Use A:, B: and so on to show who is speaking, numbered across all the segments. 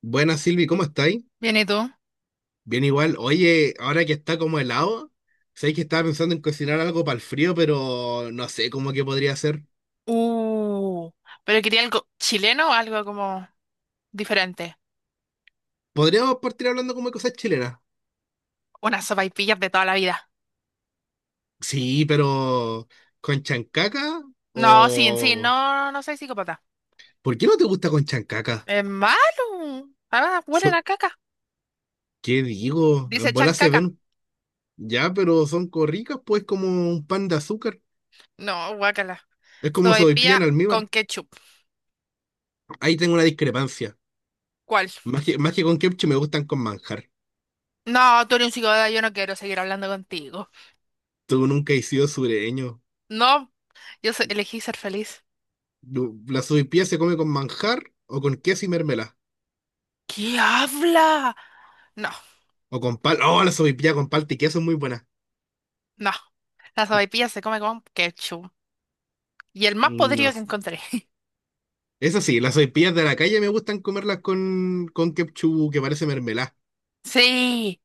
A: Buenas Silvi, ¿cómo estáis?
B: Bien, ¿y tú?
A: Bien igual. Oye, ahora que está como helado, sabéis que estaba pensando en cocinar algo para el frío, pero no sé cómo que podría ser.
B: Uh, pero quería algo chileno o algo como diferente.
A: Podríamos partir hablando como de cosas chilenas.
B: Unas sopaipillas de toda la vida.
A: Sí, pero con chancaca
B: No, sí, en sí,
A: o...
B: no, no soy psicópata.
A: ¿Por qué no te gusta con chancaca?
B: Es malo. Ah, huelen
A: So-
B: a caca.
A: ¿Qué digo?
B: Dice
A: En
B: chan
A: bola se
B: caca.
A: ven. Ya, pero son corricas, pues como un pan de azúcar.
B: No, guácala.
A: Es como sopaipilla en
B: Sopaipilla con
A: almíbar.
B: ketchup.
A: Ahí tengo una discrepancia.
B: ¿Cuál?
A: Más que con ketchup me gustan con manjar.
B: No, tú eres un psicópata, yo no quiero seguir hablando contigo.
A: Tú nunca has sido sureño.
B: No, elegí ser feliz.
A: ¿La sopaipilla se come con manjar o con queso y mermelada?
B: ¿Qué habla? No,
A: O con pal. Oh, la sopaipilla con palta y queso es muy buena.
B: no. La sopaipilla se come con ketchup. Y el más
A: No.
B: podrido que
A: sé.
B: encontré.
A: Eso sí, las sopaipillas de la calle me gustan comerlas con ketchup que parece mermelada.
B: Sí.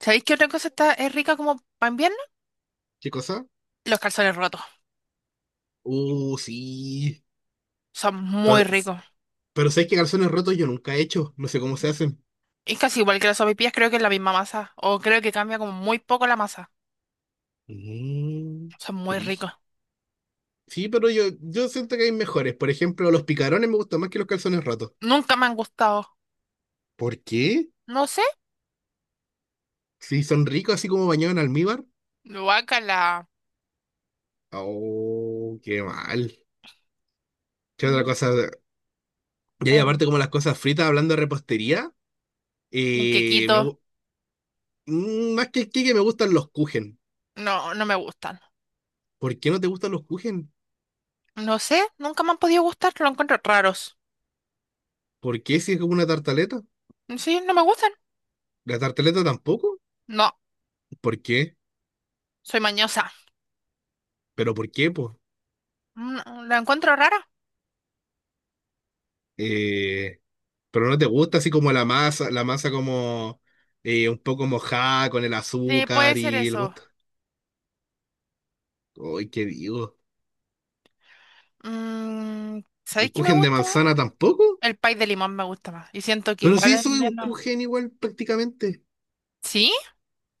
B: ¿Sabéis qué otra cosa es rica como para invierno?
A: ¿Qué cosa?
B: Los calzones rotos.
A: Sí.
B: Son muy
A: Pero,
B: ricos.
A: pero sé que calzones rotos yo nunca he hecho. No sé cómo se hacen.
B: Es casi igual que las sopaipillas, creo que es la misma masa. O creo que cambia como muy poco la masa.
A: Mm,
B: Son muy ricos.
A: brígido. Sí, pero yo siento que hay mejores. Por ejemplo, los picarones me gustan más que los calzones rotos.
B: Nunca me han gustado.
A: ¿Por qué?
B: No sé.
A: Si son ricos así como bañados en almíbar.
B: Guácala.
A: Oh, qué mal. ¿Qué otra
B: Mm,
A: cosa? Y ahí aparte
B: en
A: como las cosas fritas, hablando de repostería,
B: un
A: eh, me
B: quequito.
A: gu- más que el que me gustan los kuchen.
B: No, no me gustan.
A: ¿Por qué no te gustan los kuchen?
B: No sé. Nunca me han podido gustar. Lo encuentro raros.
A: ¿Por qué si es como una tartaleta?
B: Sí, no me gustan.
A: ¿La tartaleta tampoco?
B: No,
A: ¿Por qué?
B: soy mañosa.
A: ¿Pero por qué, pues?
B: ¿La encuentro rara?
A: Eh, pero no te gusta así como la masa como un poco mojada con el
B: Sí, puede
A: azúcar
B: ser
A: y el
B: eso.
A: gusto. Uy, ¿qué digo?
B: Mm,
A: ¿El
B: ¿Sabéis qué me
A: kuchen de
B: gusta más?
A: manzana tampoco?
B: El pie de limón me gusta más. Y siento que
A: Pero
B: igual
A: sí,
B: en
A: soy un
B: invierno.
A: kuchen igual prácticamente.
B: ¿Sí?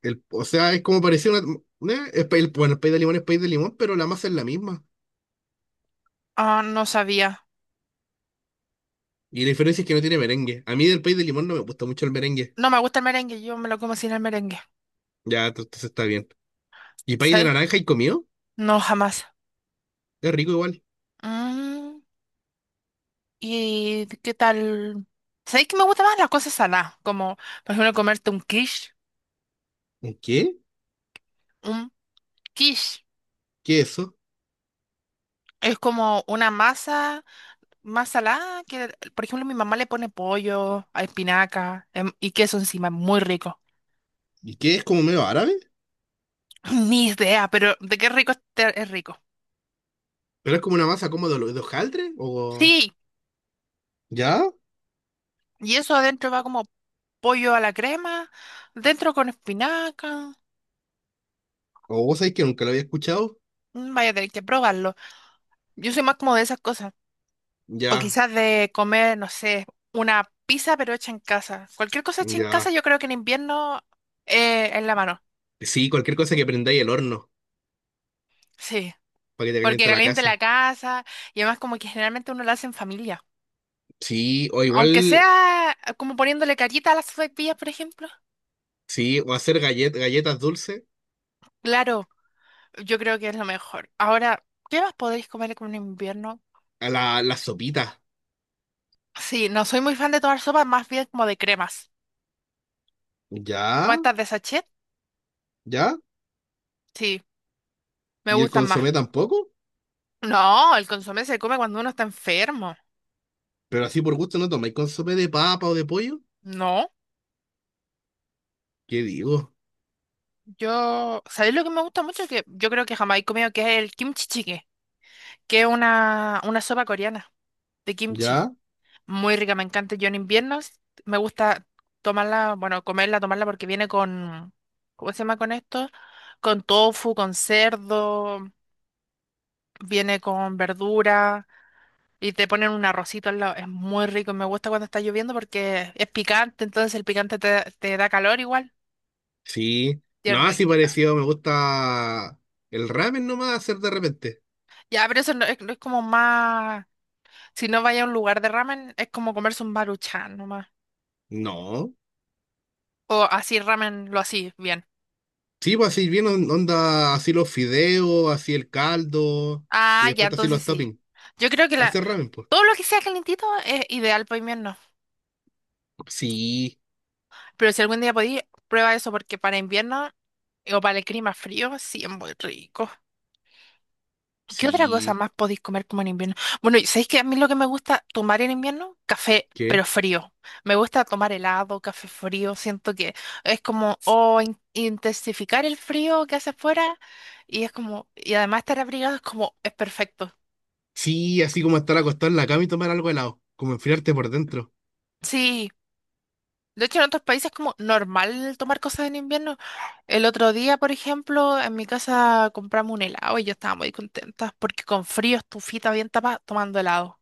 A: O sea, es como parecía una. Bueno, el país de limón es país de limón, pero la masa es la misma.
B: Ah, no sabía.
A: Y la diferencia es que no tiene merengue. A mí del país de limón no me gusta mucho el merengue.
B: No me gusta el merengue, yo me lo como sin el merengue.
A: Entonces está bien. ¿Y país de
B: ¿Sabes?
A: naranja y comido?
B: No, jamás.
A: Es rico igual.
B: Mm, ¿Y qué tal? ¿Sabéis que me gustan más las cosas saladas? Como, por ejemplo, comerte un quiche.
A: ¿Un qué?
B: Un quiche
A: ¿Qué es eso?
B: es como una masa más salada que, por ejemplo, mi mamá le pone pollo, a espinaca y queso encima. Muy rico.
A: ¿Y qué es como medio árabe?
B: Ni idea, pero de qué rico es rico.
A: ¿Pero es como una masa como de, de hojaldre? ¿O
B: Sí,
A: ya?
B: y eso adentro va como pollo a la crema, dentro con espinaca.
A: ¿O vos sabés que nunca lo había escuchado?
B: Vaya a tener que probarlo. Yo soy más como de esas cosas. O
A: Ya,
B: quizás de comer, no sé, una pizza pero hecha en casa. Cualquier cosa hecha en casa,
A: ya.
B: yo creo que en invierno es la mano.
A: Sí, cualquier cosa que prendáis el horno
B: Sí,
A: para que te
B: porque
A: caliente la
B: caliente
A: casa.
B: la casa y además como que generalmente uno la hace en familia.
A: Sí, o
B: Aunque
A: igual,
B: sea como poniéndole carita a las sopaipillas, por ejemplo.
A: sí, o hacer galletas dulces.
B: Claro, yo creo que es lo mejor. Ahora, ¿qué más podéis comer con un invierno?
A: A la, las sopitas.
B: Sí, no soy muy fan de tomar sopa más bien como de cremas. ¿Cómo
A: Ya,
B: estás de sachet?
A: ya.
B: Sí, me
A: ¿Y el
B: gustan más.
A: consomé tampoco?
B: No, el consomé se come cuando uno está enfermo.
A: Pero así por gusto no tomáis consomé de papa o de pollo.
B: No,
A: ¿Qué digo?
B: yo, ¿sabéis lo que me gusta mucho? Que yo creo que jamás he comido, que es el kimchi jjigae, que es una sopa coreana de kimchi.
A: Ya,
B: Muy rica, me encanta. Yo en invierno me gusta tomarla, bueno, comerla, tomarla porque viene con, ¿cómo se llama con esto? Con tofu, con cerdo, viene con verdura. Y te ponen un arrocito al lado. Es muy rico. Y me gusta cuando está lloviendo porque es picante, entonces el picante te da calor igual.
A: sí.
B: Y es
A: No, así
B: rico.
A: parecido, me gusta el ramen nomás hacer de repente.
B: Ya, pero eso no es, no es como más. Si no vaya a un lugar de ramen, es como comerse un baruchán nomás.
A: No.
B: O así ramen, lo así, bien.
A: Sí, pues así bien onda, así los fideos, así el caldo, y
B: Ah, ya,
A: después así
B: entonces
A: los
B: sí.
A: toppings.
B: Yo creo que la,
A: Hacer ramen, pues.
B: todo lo que sea calentito es ideal para invierno.
A: Sí,
B: Pero si algún día podí, prueba eso porque para invierno o para el clima frío, sí es muy rico. ¿Qué otra cosa
A: sí.
B: más podéis comer como en invierno? Bueno, y ¿sabéis que a mí lo que me gusta tomar en invierno? Café, pero
A: ¿Qué?
B: frío. Me gusta tomar helado, café frío. Siento que es como, o intensificar el frío que hace afuera. Y es como, y además estar abrigado es como, es perfecto.
A: Sí, así como estar acostado en la cama y tomar algo helado, como enfriarte por dentro.
B: Sí. De hecho, en otros países es como normal tomar cosas en invierno. El otro día, por ejemplo, en mi casa compramos un helado y yo estaba muy contenta porque con frío, estufita bien tapada, tomando helado.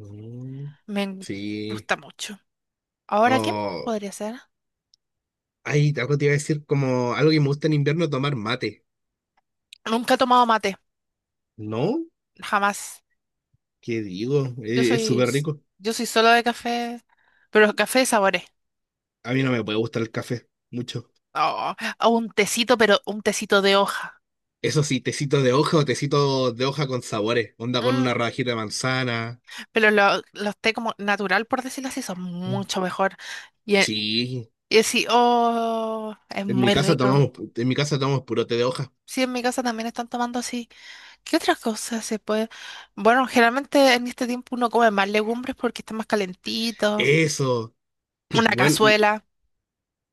A: Mm,
B: Me en-
A: sí.
B: gusta mucho. Ahora, ¿quién
A: Oh,
B: podría ser?
A: ay, algo te iba a decir como algo que me gusta en invierno, tomar mate.
B: Nunca he tomado mate,
A: ¿No?
B: jamás.
A: ¿Qué digo?
B: Yo
A: Es
B: soy,
A: súper rico.
B: yo soy solo de café, pero café de sabores.
A: A mí no me puede gustar el café, mucho.
B: Oh, o un tecito, pero un tecito de hoja.
A: Eso sí, tecito de hoja o tecito de hoja con sabores. Onda con una
B: Mm,
A: rajita de manzana.
B: pero los té como natural, por decirlo así, son
A: Mm,
B: mucho mejor. Y, e-
A: sí,
B: y así, oh, es
A: en mi
B: muy
A: casa
B: rico.
A: tomamos, en mi casa tomamos puro té de hoja.
B: Sí, en mi casa también están tomando así. ¿Qué otras cosas se puede? Bueno, generalmente en este tiempo uno come más legumbres porque está más calentito.
A: Eso.
B: Una
A: Bueno,
B: cazuela.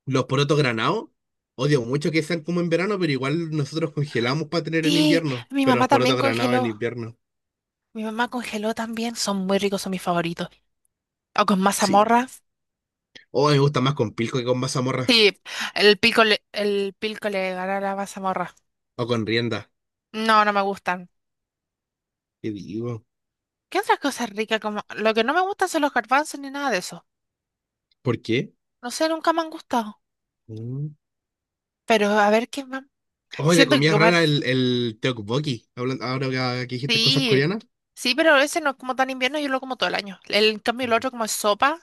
A: los porotos granados, odio mucho que sean como en verano, pero igual nosotros congelamos para tener en
B: Sí,
A: invierno.
B: mi
A: Pero
B: mamá
A: los
B: también
A: porotos granados en
B: congeló.
A: invierno.
B: Mi mamá congeló también, son muy ricos, son mis favoritos. O con
A: Sí.
B: mazamorra.
A: Oh, me gusta más con pilco que con mazamorra.
B: Sí, el pico le gana a la mazamorra.
A: O con rienda.
B: No, no me gustan.
A: ¿Qué digo?
B: ¿Qué otras cosas ricas como? Lo que no me gustan son los garbanzos ni nada de eso.
A: ¿Por qué?
B: No sé, nunca me han gustado.
A: Mm.
B: Pero a ver qué más.
A: Oh, y de
B: Siento que
A: comida
B: comer.
A: rara el tteokbokki. Ahora que dijiste cosas
B: Sí,
A: coreanas.
B: sí, pero ese no es como tan invierno, yo lo como todo el año. El, en cambio, el otro como es sopa,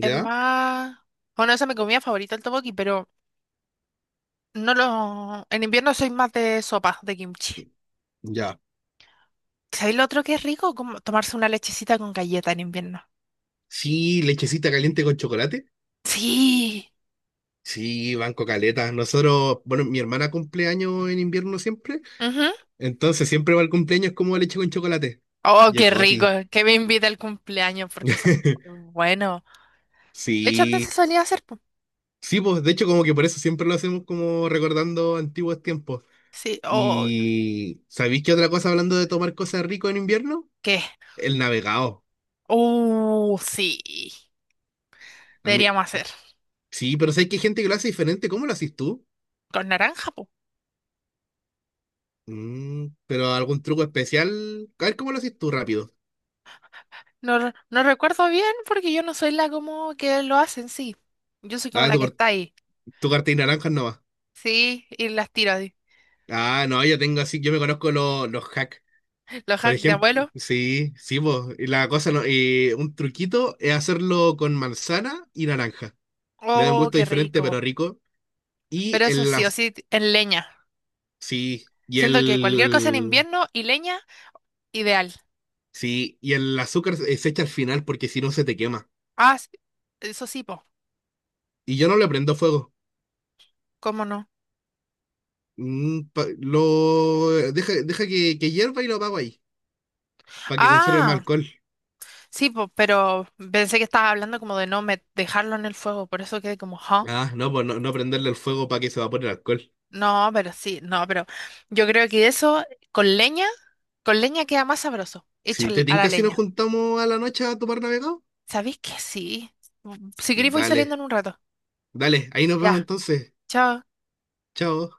B: es más. Bueno, esa es mi comida favorita, el tteokbokki, pero no lo. En invierno soy más de sopa, de kimchi.
A: Ya.
B: ¿Sabéis lo otro que es rico? Como tomarse una lechecita con galleta en invierno.
A: Sí, lechecita caliente con chocolate.
B: Sí.
A: Sí, banco caleta. Nosotros, bueno, mi hermana cumpleaños en invierno siempre.
B: Ujú.
A: Entonces siempre va al cumpleaños como leche con chocolate.
B: Oh,
A: Y es
B: qué rico.
A: goti.
B: Que me invita al cumpleaños porque son muy buenos. De hecho, antes se
A: Sí.
B: solía hacer. Po.
A: Sí, pues de hecho como que por eso siempre lo hacemos como recordando antiguos tiempos.
B: Sí. Oh,
A: Y ¿sabéis qué otra cosa hablando de tomar cosas ricas en invierno?
B: ¿qué?
A: El navegado.
B: Sí.
A: A mí-
B: Deberíamos hacer.
A: Sí, pero sé que hay gente que lo hace diferente. ¿Cómo lo haces tú?
B: Con naranja, po.
A: Mm, pero algún truco especial. A ver, ¿cómo lo haces tú rápido?
B: No, no recuerdo bien porque yo no soy la como que lo hacen, sí. Yo soy como
A: Ah,
B: la que está ahí.
A: tu cartilla naranja no va.
B: Sí, y las tiro. Así.
A: Ah, no, yo tengo así, yo me conozco los hacks.
B: Los
A: Por
B: hacks de
A: ejemplo,
B: abuelo.
A: sí, sí, vos. Y la cosa no, y un truquito es hacerlo con manzana y naranja. Le da un
B: Oh,
A: gusto
B: qué
A: diferente, pero
B: rico.
A: rico. Y
B: Pero eso
A: el,
B: sí o
A: las-
B: sí, en leña.
A: sí, y
B: Siento que cualquier cosa en
A: el
B: invierno y leña, ideal.
A: sí, y el azúcar se echa al final porque si no se te quema.
B: Ah, s- eso sí, po.
A: Y yo no le prendo fuego.
B: ¿Cómo no?
A: Mm, lo deja, deja que hierva y lo apago ahí, para que conserve más
B: Ah,
A: alcohol.
B: sí, po, pero pensé que estabas hablando como de no me- dejarlo en el fuego, por eso quedé como, ¿huh?
A: Ah, no, pues no, no prenderle el fuego para que se evapore el alcohol.
B: No, pero sí, no, pero yo creo que eso con leña, con leña queda más sabroso,
A: Si te
B: a la
A: tinca si nos
B: leña.
A: juntamos a la noche a tomar navegado,
B: ¿Sabéis que sí? Mm, si queréis voy saliendo en
A: dale,
B: un rato.
A: dale, ahí nos vemos
B: Ya,
A: entonces.
B: chao.
A: Chao.